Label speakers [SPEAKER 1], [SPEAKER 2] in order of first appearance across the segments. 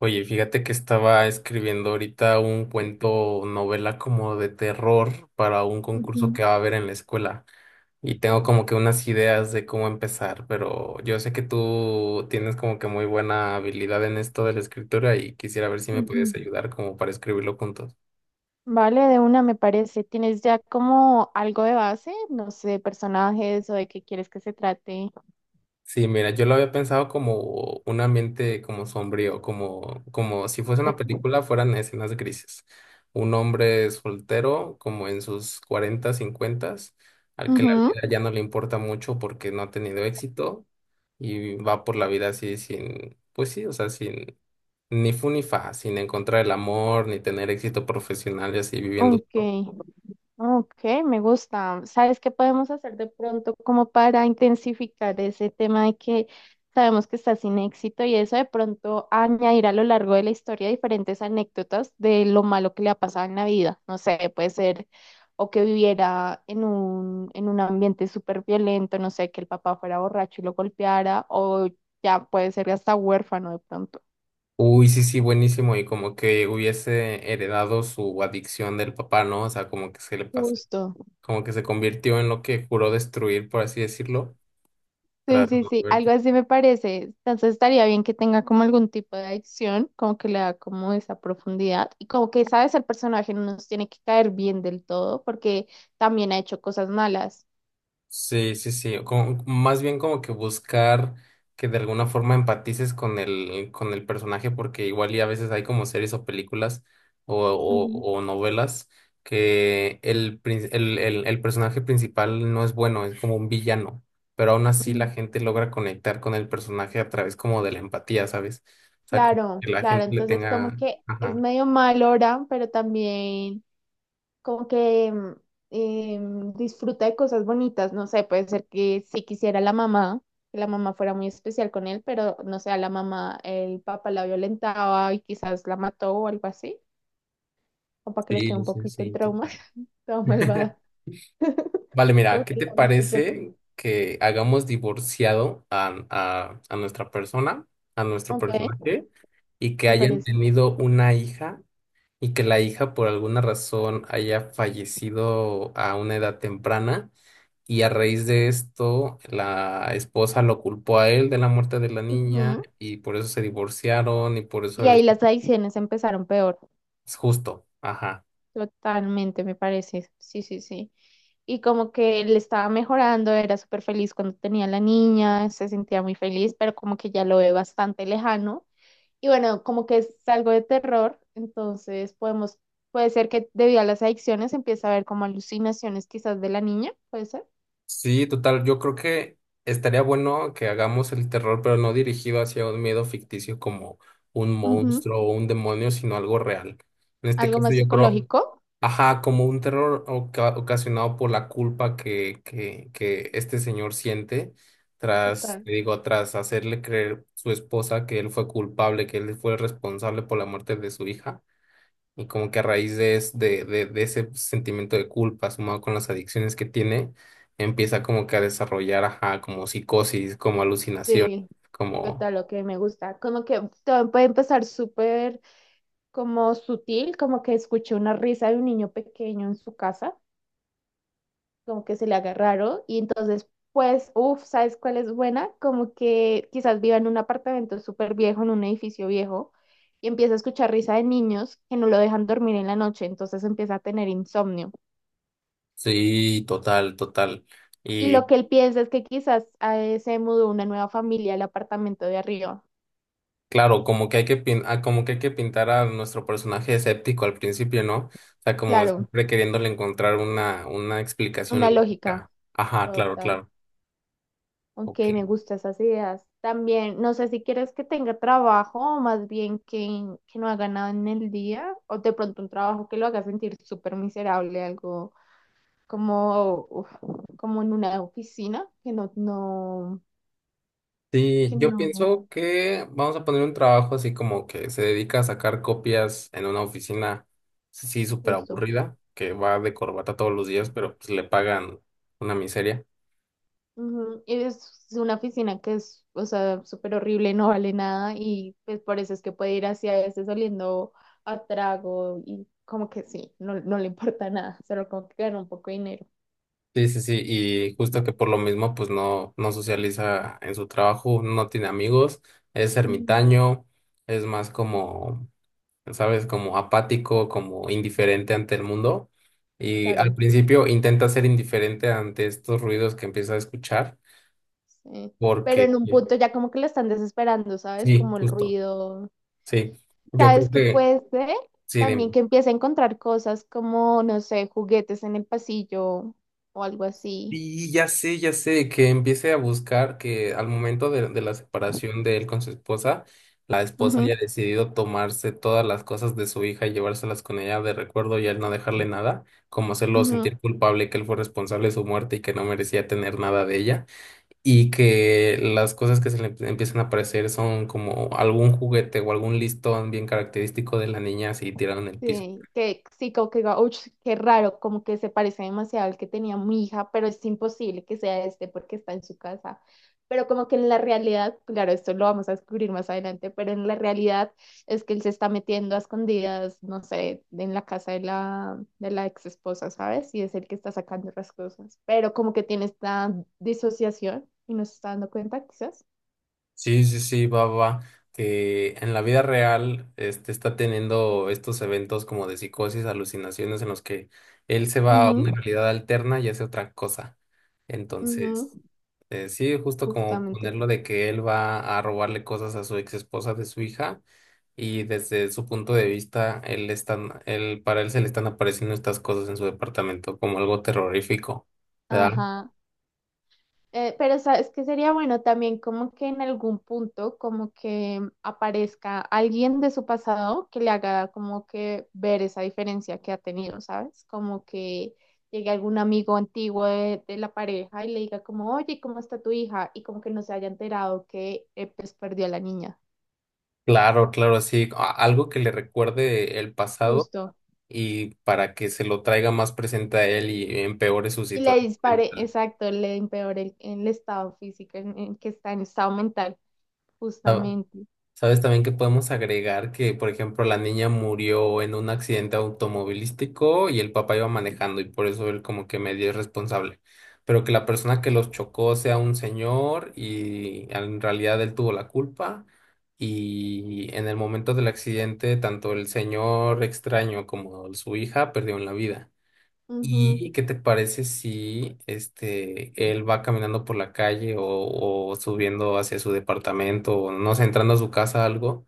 [SPEAKER 1] Oye, fíjate que estaba escribiendo ahorita un cuento, novela como de terror para un concurso
[SPEAKER 2] Ujú,
[SPEAKER 1] que va a haber en la escuela y tengo como que unas ideas de cómo empezar, pero yo sé que tú tienes como que muy buena habilidad en esto de la escritura y quisiera ver si me puedes
[SPEAKER 2] ujú.
[SPEAKER 1] ayudar como para escribirlo juntos.
[SPEAKER 2] Vale, de una me parece. ¿Tienes ya como algo de base? No sé, personajes o de qué quieres que se trate.
[SPEAKER 1] Sí, mira, yo lo había pensado como un ambiente como sombrío, como, si fuese una
[SPEAKER 2] Ok.
[SPEAKER 1] película fueran escenas grises. Un hombre soltero, como en sus 40, 50, al que la
[SPEAKER 2] Ujú,
[SPEAKER 1] vida ya no le importa mucho porque no ha tenido éxito y va por la vida así sin, pues sí, o sea, sin ni fu ni fa, sin encontrar el amor, ni tener éxito profesional y así viviendo
[SPEAKER 2] ok.
[SPEAKER 1] solo.
[SPEAKER 2] Ok, me gusta. ¿Sabes qué podemos hacer de pronto como para intensificar ese tema de que sabemos que está sin éxito y eso de pronto añadir a lo largo de la historia diferentes anécdotas de lo malo que le ha pasado en la vida? No sé, puede ser o que viviera en un ambiente súper violento, no sé, que el papá fuera borracho y lo golpeara, o ya puede ser hasta huérfano de pronto.
[SPEAKER 1] Uy, sí, sí, buenísimo. Y como que hubiese heredado su adicción del papá, ¿no? O sea, como que se le pasó,
[SPEAKER 2] Justo.
[SPEAKER 1] como que se convirtió en lo que juró destruir, por así decirlo,
[SPEAKER 2] Sí,
[SPEAKER 1] tras
[SPEAKER 2] sí,
[SPEAKER 1] no
[SPEAKER 2] sí, algo así me parece. Entonces estaría bien que tenga como algún tipo de acción, como que le da como esa profundidad y como que, sabes, el personaje no nos tiene que caer bien del todo porque también ha hecho cosas malas.
[SPEAKER 1] Sí, sí, sí, más bien como que buscar que de alguna forma empatices con el personaje, porque igual y a veces hay como series o películas o, o,
[SPEAKER 2] Ujú,
[SPEAKER 1] o novelas que el personaje principal no es bueno, es como un villano, pero aún así la
[SPEAKER 2] ujú.
[SPEAKER 1] gente logra conectar con el personaje a través como de la empatía, ¿sabes? O sea, como
[SPEAKER 2] Claro,
[SPEAKER 1] que la
[SPEAKER 2] claro,
[SPEAKER 1] gente le
[SPEAKER 2] entonces como
[SPEAKER 1] tenga...
[SPEAKER 2] que es
[SPEAKER 1] Ajá,
[SPEAKER 2] medio mal ahora, pero también, como que eh, disfruta de cosas bonitas, no sé, puede ser que si quisiera la mamá, que la mamá fuera muy especial con él, pero no sé, a la mamá, el papá la violentaba y quizás la mató o algo así, o para que le quede
[SPEAKER 1] sí,
[SPEAKER 2] un
[SPEAKER 1] sí,
[SPEAKER 2] poquito el
[SPEAKER 1] sí,
[SPEAKER 2] trauma,
[SPEAKER 1] total.
[SPEAKER 2] toda malvada.
[SPEAKER 1] Vale, mira,
[SPEAKER 2] Como
[SPEAKER 1] ¿qué
[SPEAKER 2] que le
[SPEAKER 1] te
[SPEAKER 2] da un poquito de trauma.
[SPEAKER 1] parece que hagamos divorciado a nuestra persona, a nuestro
[SPEAKER 2] Ok,
[SPEAKER 1] personaje, y que
[SPEAKER 2] me
[SPEAKER 1] hayan
[SPEAKER 2] parece.
[SPEAKER 1] tenido una hija y que la hija por alguna razón haya fallecido a una edad temprana y a raíz de esto la esposa lo culpó a él de la muerte de la niña
[SPEAKER 2] Ujú.
[SPEAKER 1] y por eso se divorciaron y por eso
[SPEAKER 2] Y
[SPEAKER 1] él
[SPEAKER 2] ahí las adicciones empezaron peor.
[SPEAKER 1] es justo, ajá.
[SPEAKER 2] Totalmente, me parece. Sí, sí, sí. Y como que le estaba mejorando, era súper feliz cuando tenía la niña, se sentía muy feliz, pero como que ya lo ve bastante lejano. Y bueno, como que es algo de terror, entonces podemos, puede ser que debido a las adicciones empiece a ver como alucinaciones quizás de la niña, puede ser.
[SPEAKER 1] Sí, total. Yo creo que estaría bueno que hagamos el terror, pero no dirigido hacia un miedo ficticio como un
[SPEAKER 2] Ujú.
[SPEAKER 1] monstruo o un demonio, sino algo real. En este
[SPEAKER 2] Algo
[SPEAKER 1] caso,
[SPEAKER 2] más
[SPEAKER 1] yo creo,
[SPEAKER 2] psicológico.
[SPEAKER 1] ajá, como un terror ocasionado por la culpa que este señor siente tras,
[SPEAKER 2] Total.
[SPEAKER 1] te digo, tras hacerle creer su esposa que él fue culpable, que él fue el responsable por la muerte de su hija. Y como que a raíz de, de ese sentimiento de culpa sumado con las adicciones que tiene, empieza como que a desarrollar, ajá, como psicosis, como alucinación,
[SPEAKER 2] Sí,
[SPEAKER 1] como,
[SPEAKER 2] total, lo que me gusta. Como que todo puede empezar súper como sutil, como que escuché una risa de un niño pequeño en su casa, como que se le agarraron y entonces, pues, uff, ¿sabes cuál es buena? Como que quizás viva en un apartamento súper viejo, en un edificio viejo, y empieza a escuchar risa de niños que no lo dejan dormir en la noche, entonces empieza a tener insomnio.
[SPEAKER 1] sí, total, total.
[SPEAKER 2] Y
[SPEAKER 1] Y
[SPEAKER 2] lo que él piensa es que quizás se mudó una nueva familia al apartamento de arriba.
[SPEAKER 1] claro, como que hay que, como que hay que pintar a nuestro personaje escéptico al principio, ¿no? O sea, como
[SPEAKER 2] Claro,
[SPEAKER 1] siempre queriéndole encontrar una explicación
[SPEAKER 2] una
[SPEAKER 1] lógica.
[SPEAKER 2] lógica
[SPEAKER 1] Ajá, claro,
[SPEAKER 2] total.
[SPEAKER 1] claro.
[SPEAKER 2] Ok,
[SPEAKER 1] Ok.
[SPEAKER 2] me gustan esas ideas. También, no sé si quieres que tenga trabajo o más bien que no haga nada en el día o de pronto un trabajo que lo haga sentir súper miserable, algo como, uf, como en una oficina, que no, no,
[SPEAKER 1] Sí,
[SPEAKER 2] que
[SPEAKER 1] yo
[SPEAKER 2] no,
[SPEAKER 1] pienso que vamos a poner un trabajo así como que se dedica a sacar copias en una oficina, sí, súper
[SPEAKER 2] justo.
[SPEAKER 1] aburrida, que va de corbata todos los días, pero pues le pagan una miseria.
[SPEAKER 2] Ujú, y es una oficina que es, o sea, súper horrible, no vale nada y pues por eso es que puede ir así a veces oliendo a trago y como que sí, no le importa nada, solo como que gana un poco de dinero.
[SPEAKER 1] Sí, sí, sí, y justo que por lo mismo pues no socializa en su trabajo, no tiene amigos, es ermitaño, es más como, ¿sabes? Como apático, como indiferente ante el mundo. Y al
[SPEAKER 2] Claro,
[SPEAKER 1] principio intenta ser indiferente ante estos ruidos que empieza a escuchar.
[SPEAKER 2] sí. Pero
[SPEAKER 1] Porque,
[SPEAKER 2] en un punto ya como que lo están desesperando, ¿sabes?
[SPEAKER 1] sí,
[SPEAKER 2] Como el
[SPEAKER 1] justo,
[SPEAKER 2] ruido.
[SPEAKER 1] sí. Yo creo
[SPEAKER 2] ¿Sabes qué
[SPEAKER 1] que,
[SPEAKER 2] puede ser?
[SPEAKER 1] sí,
[SPEAKER 2] También
[SPEAKER 1] dime.
[SPEAKER 2] que empiece a encontrar cosas como, no sé, juguetes en el pasillo o algo así.
[SPEAKER 1] Y ya sé, que empiece a buscar que al momento de la separación de él con su esposa, la esposa
[SPEAKER 2] Ujú,
[SPEAKER 1] haya decidido tomarse todas las cosas de su hija y llevárselas con ella de recuerdo y él no dejarle nada, como hacerlo
[SPEAKER 2] ujú.
[SPEAKER 1] sentir culpable que él fue responsable de su muerte y que no merecía tener nada de ella, y que las cosas que se le empiezan a aparecer son como algún juguete o algún listón bien característico de la niña así tirado en el piso.
[SPEAKER 2] Sí, que sí, como que digo, "Ush, qué raro, como que se parece demasiado al que tenía mi hija, pero es imposible que sea este porque está en su casa". Pero como que en la realidad, claro, esto lo vamos a descubrir más adelante, pero en la realidad es que él se está metiendo a escondidas, no sé, en la casa de la ex esposa, ¿sabes? Y es el que está sacando las cosas. Pero como que tiene esta disociación y no se está dando cuenta, quizás.
[SPEAKER 1] Sí, sí, sí, va, va, va, que en la vida real este, está teniendo estos eventos como de psicosis, alucinaciones en los que él se va a
[SPEAKER 2] Ujú,
[SPEAKER 1] una realidad alterna y hace otra cosa.
[SPEAKER 2] ujú,
[SPEAKER 1] Entonces, sí, justo como
[SPEAKER 2] justamente.
[SPEAKER 1] ponerlo de que él va a robarle cosas a su ex esposa de su hija y desde su punto de vista, para él se le están apareciendo estas cosas en su departamento como algo terrorífico, ¿verdad?
[SPEAKER 2] Ajá. Pero sabes que sería bueno también como que en algún punto como que aparezca alguien de su pasado que le haga como que ver esa diferencia que ha tenido, ¿sabes? Como que llegue algún amigo antiguo de la pareja y le diga como, oye, ¿cómo está tu hija? Y como que no se haya enterado que pues perdió a la niña,
[SPEAKER 1] Claro, claro, sí, algo que le recuerde el pasado
[SPEAKER 2] justo.
[SPEAKER 1] y para que se lo traiga más presente a él y empeore su
[SPEAKER 2] Y le
[SPEAKER 1] situación
[SPEAKER 2] dispare,
[SPEAKER 1] mental.
[SPEAKER 2] exacto, le empeore el estado físico en que está, en estado mental,
[SPEAKER 1] Ah,
[SPEAKER 2] justamente.
[SPEAKER 1] ¿Sabes también que podemos agregar que, por ejemplo, la niña murió en un accidente automovilístico y el papá iba manejando y por eso él como que medio es responsable? Pero que la persona que los chocó sea un señor y en realidad él tuvo la culpa. Y en el momento del accidente, tanto el señor extraño como su hija perdieron la vida.
[SPEAKER 2] Ujú,
[SPEAKER 1] ¿Y qué te parece si este él va caminando por la calle o subiendo hacia su departamento o no sé, entrando a su casa algo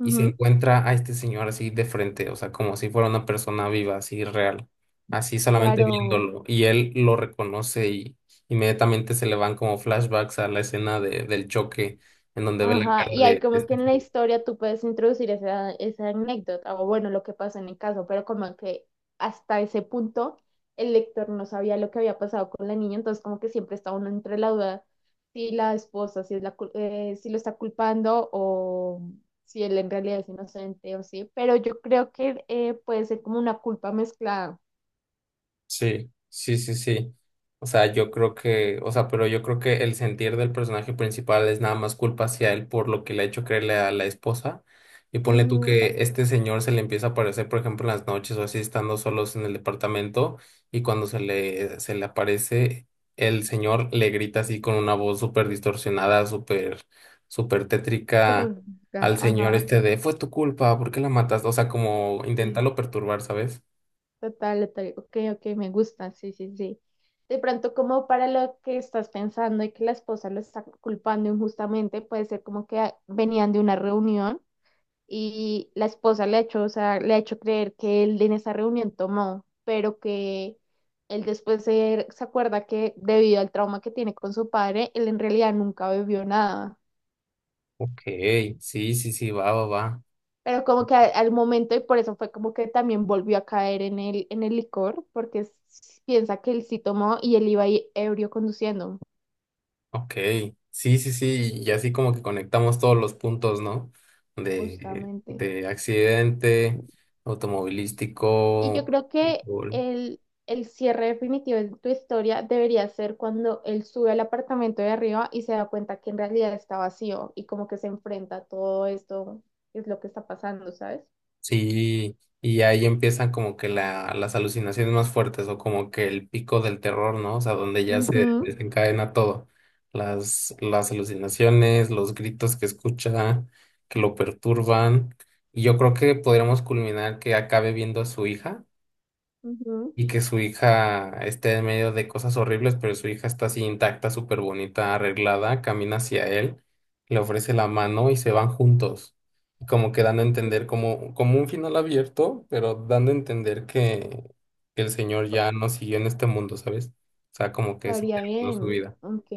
[SPEAKER 1] y se encuentra a este señor así de frente, o sea, como si fuera una persona viva, así real, así solamente
[SPEAKER 2] claro.
[SPEAKER 1] viéndolo y él lo reconoce y inmediatamente se le van como flashbacks a la escena del choque en donde ve la
[SPEAKER 2] Ajá,
[SPEAKER 1] cara
[SPEAKER 2] y hay
[SPEAKER 1] de
[SPEAKER 2] como que
[SPEAKER 1] este
[SPEAKER 2] en la
[SPEAKER 1] señor.
[SPEAKER 2] historia tú puedes introducir esa, esa anécdota o bueno, lo que pasó en el caso, pero como que hasta ese punto el lector no sabía lo que había pasado con la niña, entonces como que siempre está uno entre la duda si la esposa, si es la, cul- si lo está culpando o si él en realidad es inocente o sí, pero yo creo que puede ser como una culpa mezclada.
[SPEAKER 1] Sí, sí, sí, sí. O sea, yo creo que, o sea, pero yo creo que el sentir del personaje principal es nada más culpa hacia él por lo que le ha hecho creerle a la esposa. Y ponle tú
[SPEAKER 2] Ujú,
[SPEAKER 1] que este señor se le empieza a aparecer, por ejemplo, en las noches o así, estando solos en el departamento, y cuando se le aparece, el señor le grita así con una voz súper distorsionada, súper, súper tétrica
[SPEAKER 2] terrorífica,
[SPEAKER 1] al señor
[SPEAKER 2] ajá.
[SPEAKER 1] este de, fue tu culpa, ¿por qué la mataste? O sea, como intentarlo perturbar, ¿sabes?
[SPEAKER 2] Total, total. Ok, ok, me gusta, sí, sí, sí. De pronto, como para lo que estás pensando y que la esposa lo está culpando injustamente, puede ser como que ah, venían de una reunión y la esposa le ha hecho, o sea, le ha hecho creer que él en esa reunión tomó, pero que él después se acuerda que debido al trauma que tiene con su padre, él en realidad nunca bebió nada.
[SPEAKER 1] Ok, sí, sí, sí, va, va, va.
[SPEAKER 2] Pero como que a- al momento, y por eso fue como que también volvió a caer en el licor, porque s- piensa que él sí tomó y él iba ahí ebrio conduciendo,
[SPEAKER 1] Ok, sí, sí, sí, y así como que conectamos todos los puntos, ¿no?
[SPEAKER 2] justamente.
[SPEAKER 1] De accidente,
[SPEAKER 2] Y yo
[SPEAKER 1] automovilístico,
[SPEAKER 2] creo que
[SPEAKER 1] fútbol.
[SPEAKER 2] el cierre definitivo de tu historia debería ser cuando él sube al apartamento de arriba y se da cuenta que en realidad está vacío y como que se enfrenta a todo esto, que es lo que está pasando, ¿sabes?
[SPEAKER 1] Sí, y ahí empiezan como que las alucinaciones más fuertes o como que el pico del terror, ¿no? O sea, donde ya se
[SPEAKER 2] Ujú,
[SPEAKER 1] desencadena todo. Las alucinaciones, los gritos que escucha, que lo perturban. Y yo creo que podríamos culminar que acabe viendo a su hija
[SPEAKER 2] ujú.
[SPEAKER 1] y que su hija esté en medio de cosas horribles, pero su hija está así intacta, súper bonita, arreglada, camina hacia él, le ofrece la mano y se van juntos. Y como que dando a
[SPEAKER 2] Ok.
[SPEAKER 1] entender como, como un final abierto, pero dando a entender que el Señor ya no siguió en este mundo, ¿sabes? O sea, como que se
[SPEAKER 2] Estaría
[SPEAKER 1] terminó su
[SPEAKER 2] bien.
[SPEAKER 1] vida.
[SPEAKER 2] Ok.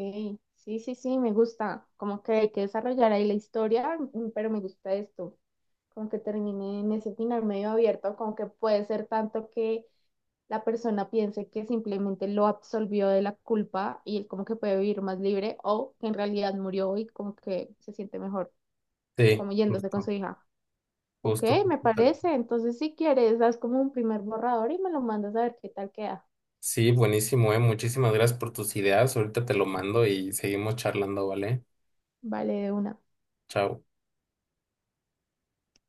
[SPEAKER 2] Sí, sí, sí, me gusta. Como que hay que desarrollar ahí la historia, mm, pero me gusta esto. Como que termine en ese final medio abierto, como que puede ser tanto que la persona piense que simplemente lo absolvió de la culpa y él como que puede vivir más libre, o que en realidad murió y como que se siente mejor,
[SPEAKER 1] Sí,
[SPEAKER 2] como yéndose con su
[SPEAKER 1] justo,
[SPEAKER 2] hija. Ok,
[SPEAKER 1] justo,
[SPEAKER 2] me
[SPEAKER 1] tal vez.
[SPEAKER 2] parece. Entonces, si quieres, das como un primer borrador y me lo mandas a ver qué tal queda.
[SPEAKER 1] Sí, buenísimo, eh. Muchísimas gracias por tus ideas. Ahorita te lo mando y seguimos charlando, ¿vale?
[SPEAKER 2] Vale, de una.
[SPEAKER 1] Chao.